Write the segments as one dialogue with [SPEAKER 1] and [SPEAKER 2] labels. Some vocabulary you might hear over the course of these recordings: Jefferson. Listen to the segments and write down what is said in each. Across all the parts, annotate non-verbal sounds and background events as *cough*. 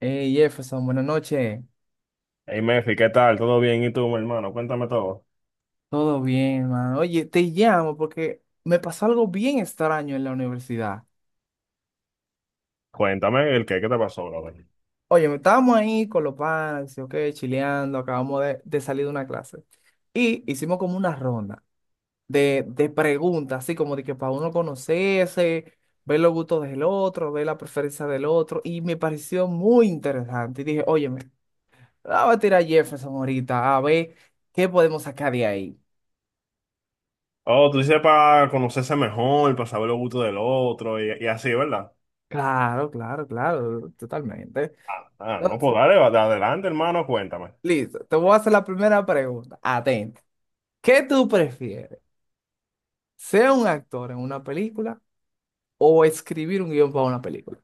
[SPEAKER 1] Hey Jefferson, buenas noches.
[SPEAKER 2] Hey, Mefi, ¿qué tal? ¿Todo bien? ¿Y tú, mi hermano? Cuéntame todo.
[SPEAKER 1] Todo bien, mano. Oye, te llamo porque me pasó algo bien extraño en la universidad.
[SPEAKER 2] Cuéntame el qué, ¿qué te pasó, brother?
[SPEAKER 1] Oye, me estábamos ahí con los panas, ok, chileando, acabamos de salir de una clase. Y hicimos como una ronda de preguntas, así como de que para uno conocerse, ver los gustos del otro, ver la preferencia del otro. Y me pareció muy interesante. Y dije, oye, me la voy a tirar a Jefferson ahorita a ver qué podemos sacar de ahí.
[SPEAKER 2] Oh, tú dices para conocerse mejor, para saber los gustos del otro y así, ¿verdad?
[SPEAKER 1] Claro, claro, claro, totalmente.
[SPEAKER 2] Ah, ah, no,
[SPEAKER 1] Entonces,
[SPEAKER 2] pues dale, adelante, hermano, cuéntame.
[SPEAKER 1] listo, te voy a hacer la primera pregunta. Atenta. ¿Qué tú prefieres? ¿Ser un actor en una película o escribir un guión para una película?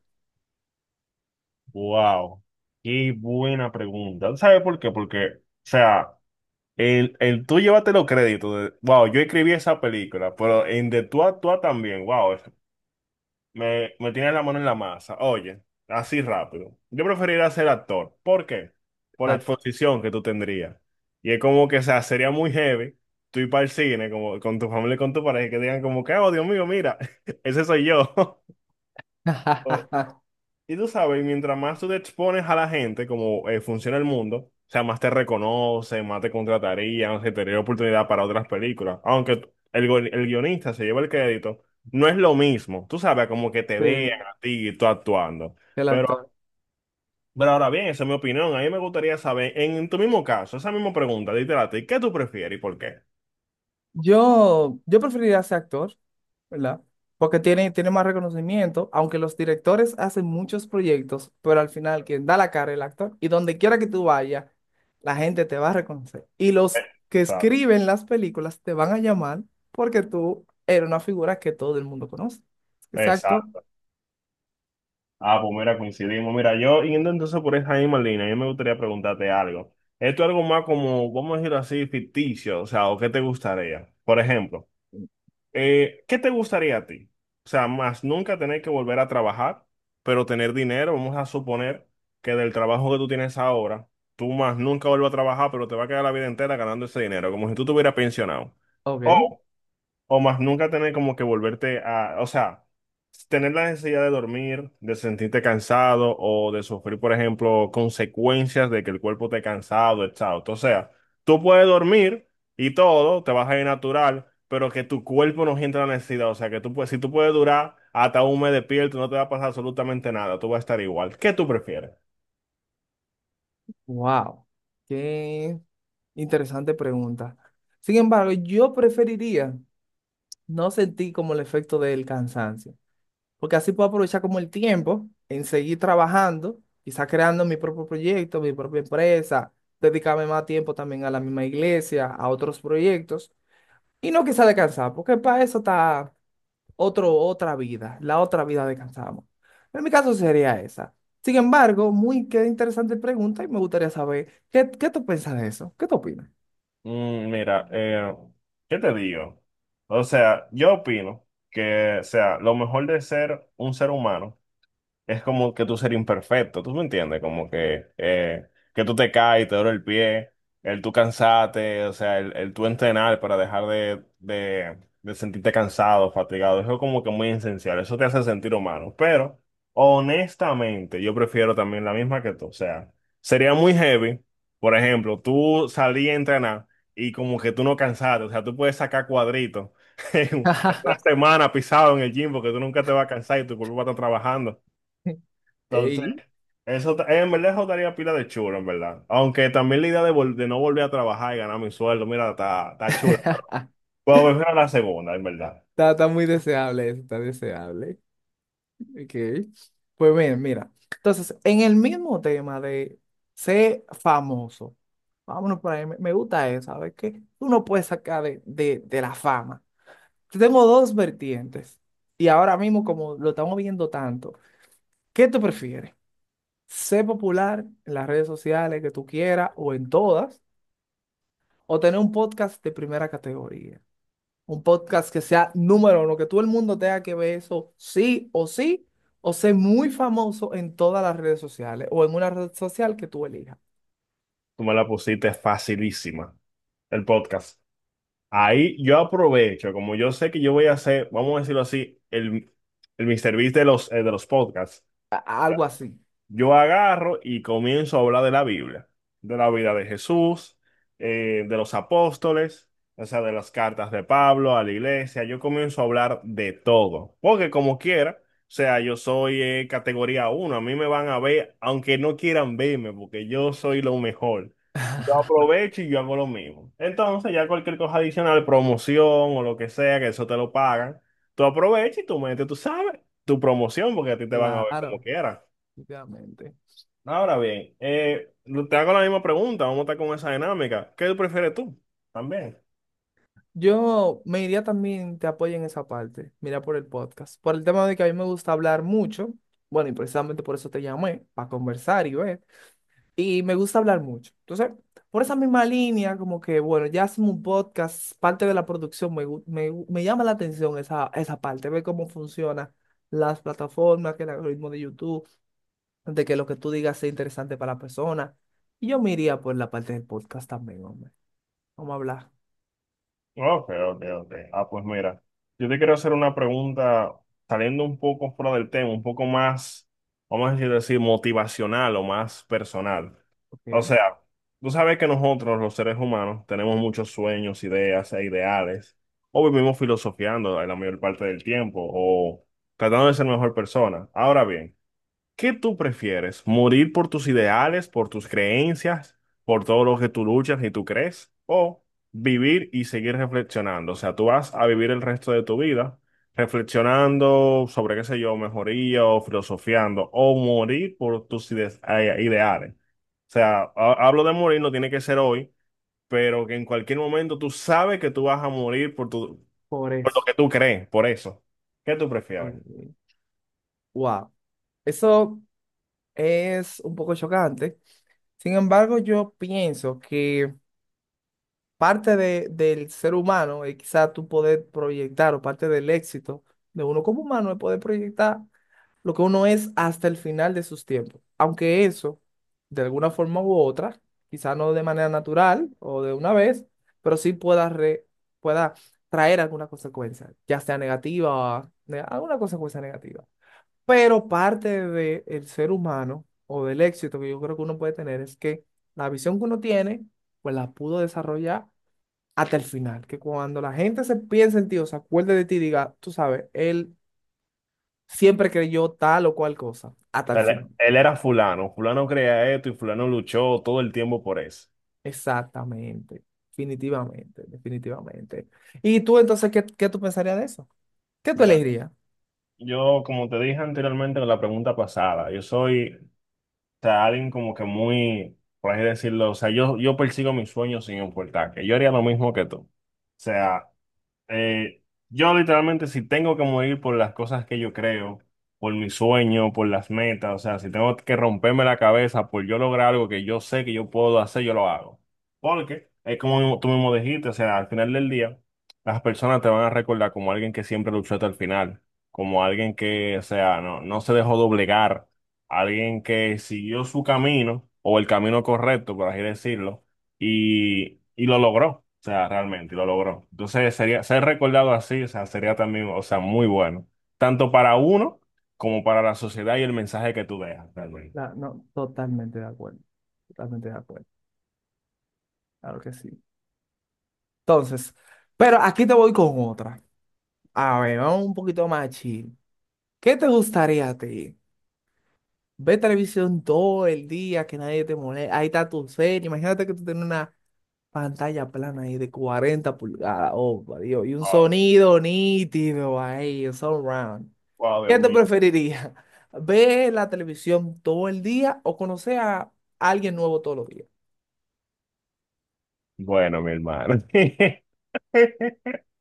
[SPEAKER 2] Wow, qué buena pregunta. ¿Tú ¿Sabes por qué? Porque, o sea, el tú llévate los créditos de, wow, yo escribí esa película, pero en de tú a tú también, wow, Me tiene la mano en la masa. Oye, así rápido. Yo preferiría ser actor. ¿Por qué? Por la
[SPEAKER 1] Ah.
[SPEAKER 2] exposición que tú tendrías. Y es como que, o sea, sería muy heavy tú ir para el cine como, con tu familia y con tu pareja y que digan como que, oh, Dios mío, mira, *laughs* ese soy yo. *laughs*
[SPEAKER 1] *laughs*
[SPEAKER 2] Y tú sabes, mientras más tú te expones a la gente, como funciona el mundo, o sea, más te reconocen, más te contratarían, se te daría oportunidad para otras películas. Aunque el, el guionista se lleva el crédito, no es lo mismo. Tú sabes, como que te
[SPEAKER 1] Sí,
[SPEAKER 2] vean a ti y tú actuando.
[SPEAKER 1] el
[SPEAKER 2] Pero,
[SPEAKER 1] actor.
[SPEAKER 2] pero ahora bien, esa es mi opinión. A mí me gustaría saber, en tu mismo caso, esa misma pregunta, literal, a ti, ¿qué tú prefieres y por qué?
[SPEAKER 1] Yo preferiría ser actor, ¿verdad? Porque tiene más reconocimiento, aunque los directores hacen muchos proyectos, pero al final quien da la cara es el actor. Y donde quiera que tú vayas, la gente te va a reconocer. Y
[SPEAKER 2] Eh,
[SPEAKER 1] los que
[SPEAKER 2] Exacto.
[SPEAKER 1] escriben las películas te van a llamar porque tú eres una figura que todo el mundo conoce. Exacto.
[SPEAKER 2] Exacto. Ah, pues mira, coincidimos. Mira, yo yendo entonces por esa misma línea, yo me gustaría preguntarte algo. Esto es algo más como, vamos a decirlo así, ficticio, o sea, o qué te gustaría. Por ejemplo, ¿qué te gustaría a ti? O sea, más nunca tener que volver a trabajar, pero tener dinero, vamos a suponer que del trabajo que tú tienes ahora, tú más nunca vuelvas a trabajar, pero te va a quedar la vida entera ganando ese dinero, como si tú te hubieras pensionado.
[SPEAKER 1] Ok.
[SPEAKER 2] O más nunca tener como que volverte a, o sea, tener la necesidad de dormir, de sentirte cansado o de sufrir, por ejemplo, consecuencias de que el cuerpo esté cansado, exhausto. O sea, tú puedes dormir y todo, te vas a ir natural, pero que tu cuerpo no sienta la necesidad. O sea, que tú puedes, si tú puedes durar hasta un mes despierto, no te va a pasar absolutamente nada, tú vas a estar igual. ¿Qué tú prefieres?
[SPEAKER 1] Wow. Qué interesante pregunta. Sin embargo, yo preferiría no sentir como el efecto del cansancio, porque así puedo aprovechar como el tiempo en seguir trabajando, quizás creando mi propio proyecto, mi propia empresa, dedicarme más tiempo también a la misma iglesia, a otros proyectos, y no quizás descansar, porque para eso está otra vida, la otra vida descansamos. En mi caso sería esa. Sin embargo, muy qué interesante pregunta y me gustaría saber, ¿qué tú piensas de eso? ¿Qué tú opinas?
[SPEAKER 2] Mira, ¿qué te digo? O sea, yo opino que, o sea, lo mejor de ser un ser humano es como que tú serías imperfecto, ¿tú me entiendes? Como que tú te caes, te duele el pie, el tú cansarte, o sea, el tú entrenar para dejar de sentirte cansado, fatigado, eso es como que muy esencial, eso te hace sentir humano, pero honestamente yo prefiero también la misma que tú, o sea, sería muy heavy, por ejemplo, tú salí a entrenar y como que tú no cansaste, o sea, tú puedes sacar cuadritos. *laughs* En una
[SPEAKER 1] *laughs*
[SPEAKER 2] semana pisado en el gym porque tú nunca te vas a cansar y tu cuerpo va a estar trabajando. Entonces,
[SPEAKER 1] Ey.
[SPEAKER 2] en verdad eso daría pila de chulo, en verdad. Aunque también la idea de, de no volver a trabajar y ganar mi sueldo, mira, está
[SPEAKER 1] *laughs*
[SPEAKER 2] chulo.
[SPEAKER 1] Está,
[SPEAKER 2] Pero prefiero la segunda, en verdad.
[SPEAKER 1] está muy deseable eso, está deseable. Ok. Pues bien, mira. Entonces, en el mismo tema de ser famoso, vámonos por ahí, me gusta eso, ¿sabes qué? Uno puede sacar de la fama. Tenemos dos vertientes y ahora mismo como lo estamos viendo tanto, ¿qué tú prefieres? ¿Ser popular en las redes sociales que tú quieras o en todas? ¿O tener un podcast de primera categoría? Un podcast que sea número uno, que todo el mundo tenga que ver eso sí o sí, o ser muy famoso en todas las redes sociales o en una red social que tú elijas.
[SPEAKER 2] Tú me la pusiste facilísima, el podcast. Ahí yo aprovecho, como yo sé que yo voy a hacer, vamos a decirlo así, el Mr. Beast de los podcasts.
[SPEAKER 1] A- Algo así.
[SPEAKER 2] Yo agarro y comienzo a hablar de la Biblia, de la vida de Jesús, de los apóstoles, o sea, de las cartas de Pablo a la iglesia. Yo comienzo a hablar de todo, porque como quiera, o sea, yo soy categoría uno. A mí me van a ver, aunque no quieran verme, porque yo soy lo mejor. Yo
[SPEAKER 1] *laughs*
[SPEAKER 2] aprovecho y yo hago lo mismo. Entonces, ya cualquier cosa adicional, promoción o lo que sea, que eso te lo pagan, tú aprovechas y tú metes, tú sabes, tu promoción, porque a ti te van a ver como
[SPEAKER 1] Claro,
[SPEAKER 2] quieran.
[SPEAKER 1] obviamente.
[SPEAKER 2] Ahora bien, te hago la misma pregunta, vamos a estar con esa dinámica. ¿Qué prefieres tú? También.
[SPEAKER 1] Yo me iría también, te apoyo en esa parte, mira, por el podcast, por el tema de que a mí me gusta hablar mucho, bueno, y precisamente por eso te llamé, para conversar y ver, y me gusta hablar mucho. Entonces, por esa misma línea, como que, bueno, ya hacemos un podcast, parte de la producción, me llama la atención esa, esa parte, ver cómo funcionan las plataformas, que el algoritmo de YouTube, de que lo que tú digas sea interesante para la persona. Y yo me iría por la parte del podcast también, hombre. Vamos a hablar.
[SPEAKER 2] Ok, ok, ok. Ah, pues mira, yo te quiero hacer una pregunta saliendo un poco fuera del tema, un poco más, vamos a decir, motivacional o más personal. O
[SPEAKER 1] Ok.
[SPEAKER 2] sea, tú sabes que nosotros, los seres humanos, tenemos muchos sueños, ideas e ideales, o vivimos filosofiando la mayor parte del tiempo, o tratando de ser mejor persona. Ahora bien, ¿qué tú prefieres? ¿Morir por tus ideales, por tus creencias, por todo lo que tú luchas y tú crees? ¿O vivir y seguir reflexionando? O sea, tú vas a vivir el resto de tu vida reflexionando sobre, qué sé yo, mejoría o filosofiando, o morir por tus ideales. O sea, hablo de morir, no tiene que ser hoy, pero que en cualquier momento tú sabes que tú vas a morir
[SPEAKER 1] Por
[SPEAKER 2] por lo
[SPEAKER 1] eso.
[SPEAKER 2] que tú crees, por eso. ¿Qué tú prefieres?
[SPEAKER 1] Ok. Wow. Eso es un poco chocante. Sin embargo, yo pienso que parte del ser humano y quizás tú poder proyectar o parte del éxito de uno como humano es poder proyectar lo que uno es hasta el final de sus tiempos. Aunque eso, de alguna forma u otra, quizás no de manera natural o de una vez, pero sí pueda, pueda traer alguna consecuencia, ya sea negativa o alguna consecuencia negativa. Pero parte del ser humano o del éxito que yo creo que uno puede tener es que la visión que uno tiene, pues la pudo desarrollar hasta el final, que cuando la gente se piense en ti o se acuerde de ti, diga, tú sabes, él siempre creyó tal o cual cosa, hasta el
[SPEAKER 2] Él,
[SPEAKER 1] final.
[SPEAKER 2] él era fulano, fulano creía esto y fulano luchó todo el tiempo por eso.
[SPEAKER 1] Exactamente, definitivamente, definitivamente. Y tú entonces, qué tú pensarías de eso? ¿Qué tú
[SPEAKER 2] Mira,
[SPEAKER 1] elegirías?
[SPEAKER 2] yo como te dije anteriormente en la pregunta pasada, yo soy, o sea, alguien como que muy, por así decirlo, o sea, yo persigo mis sueños sin importar, que yo haría lo mismo que tú. O sea, Eh, yo literalmente si tengo que morir por las cosas que yo creo, por mi sueño, por las metas, o sea, si tengo que romperme la cabeza por yo lograr algo que yo sé que yo puedo hacer, yo lo hago. Porque es tú mismo dijiste, o sea, al final del día, las personas te van a recordar como alguien que siempre luchó hasta el final, como alguien que, o sea, no se dejó doblegar, alguien que siguió su camino o el camino correcto, por así decirlo y lo logró, o sea, realmente lo logró. Entonces, sería, ser recordado así, o sea, sería también, o sea, muy bueno, tanto para uno como para la sociedad y el mensaje que tú dejas, realmente.
[SPEAKER 1] No, totalmente de acuerdo, claro que sí. Entonces, pero aquí te voy con otra. A ver, vamos un poquito más chill. ¿Qué te gustaría a ti? Ver televisión todo el día, que nadie te moleste. Ahí está tu serie. Imagínate que tú tienes una pantalla plana ahí de 40 pulgadas, oh, por Dios, y un
[SPEAKER 2] Wow,
[SPEAKER 1] sonido nítido ahí, un surround.
[SPEAKER 2] wow, Dios
[SPEAKER 1] ¿Qué te
[SPEAKER 2] mío.
[SPEAKER 1] preferiría? *laughs* ¿Ver la televisión todo el día o conocer a alguien nuevo todos los días?
[SPEAKER 2] Bueno, mi hermano. *laughs*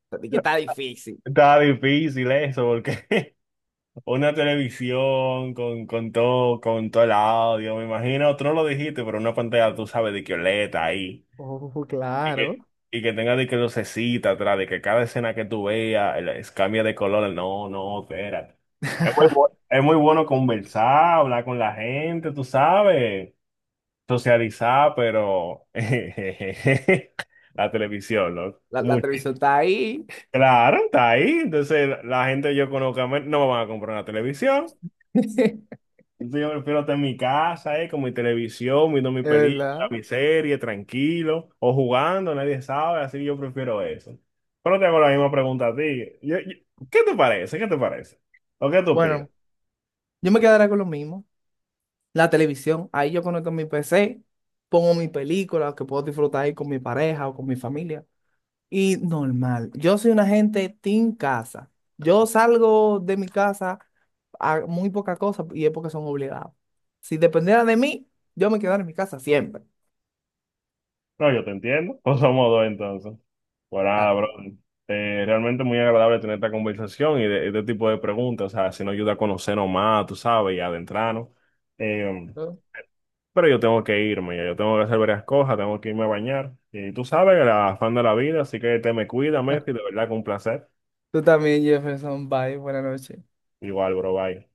[SPEAKER 1] O sea, de que está difícil.
[SPEAKER 2] Estaba difícil eso, porque *laughs* una televisión con todo el audio, me imagino, tú no lo dijiste, pero una pantalla, tú sabes, de que OLED ahí.
[SPEAKER 1] Oh,
[SPEAKER 2] Y
[SPEAKER 1] claro.
[SPEAKER 2] que, y que tenga de que lucecita atrás, de que cada escena que tú veas cambia de color. No, no, espérate. Es
[SPEAKER 1] *laughs*
[SPEAKER 2] es muy bueno conversar, hablar con la gente, tú sabes, socializar, pero *laughs* la televisión, ¿no?
[SPEAKER 1] La
[SPEAKER 2] Muy,
[SPEAKER 1] televisión está ahí.
[SPEAKER 2] claro, está ahí. Entonces, la gente yo conozco, no me van a comprar una televisión.
[SPEAKER 1] *laughs* Es
[SPEAKER 2] Entonces yo prefiero estar en mi casa, con mi televisión, viendo mi película,
[SPEAKER 1] verdad.
[SPEAKER 2] mi serie, tranquilo, o jugando, nadie sabe, así yo prefiero eso. Pero te hago la misma pregunta a ti. ¿Qué te parece? ¿Qué te parece? ¿O qué tú opinas?
[SPEAKER 1] Bueno, yo me quedaré con lo mismo. La televisión, ahí yo conecto mi PC, pongo mi película que puedo disfrutar ahí con mi pareja o con mi familia. Y normal. Yo soy una gente team casa. Yo salgo de mi casa a muy poca cosa y es porque son obligados. Si dependiera de mí, yo me quedaría en mi casa siempre.
[SPEAKER 2] No, yo te entiendo. *laughs* Pues somos dos entonces. Pues nada,
[SPEAKER 1] Claro.
[SPEAKER 2] bro. Realmente muy agradable tener esta conversación y de este tipo de preguntas. O sea, si nos ayuda a conocernos más, tú sabes, y adentrarnos. Eh, Pero yo tengo que irme, ya yo tengo que hacer varias cosas, tengo que irme a bañar. Y tú sabes, el afán de la vida, así que te me cuida, Messi, de verdad que un placer.
[SPEAKER 1] Tú también, Jefferson. Bye. Buenas noches.
[SPEAKER 2] Igual, bro, bye.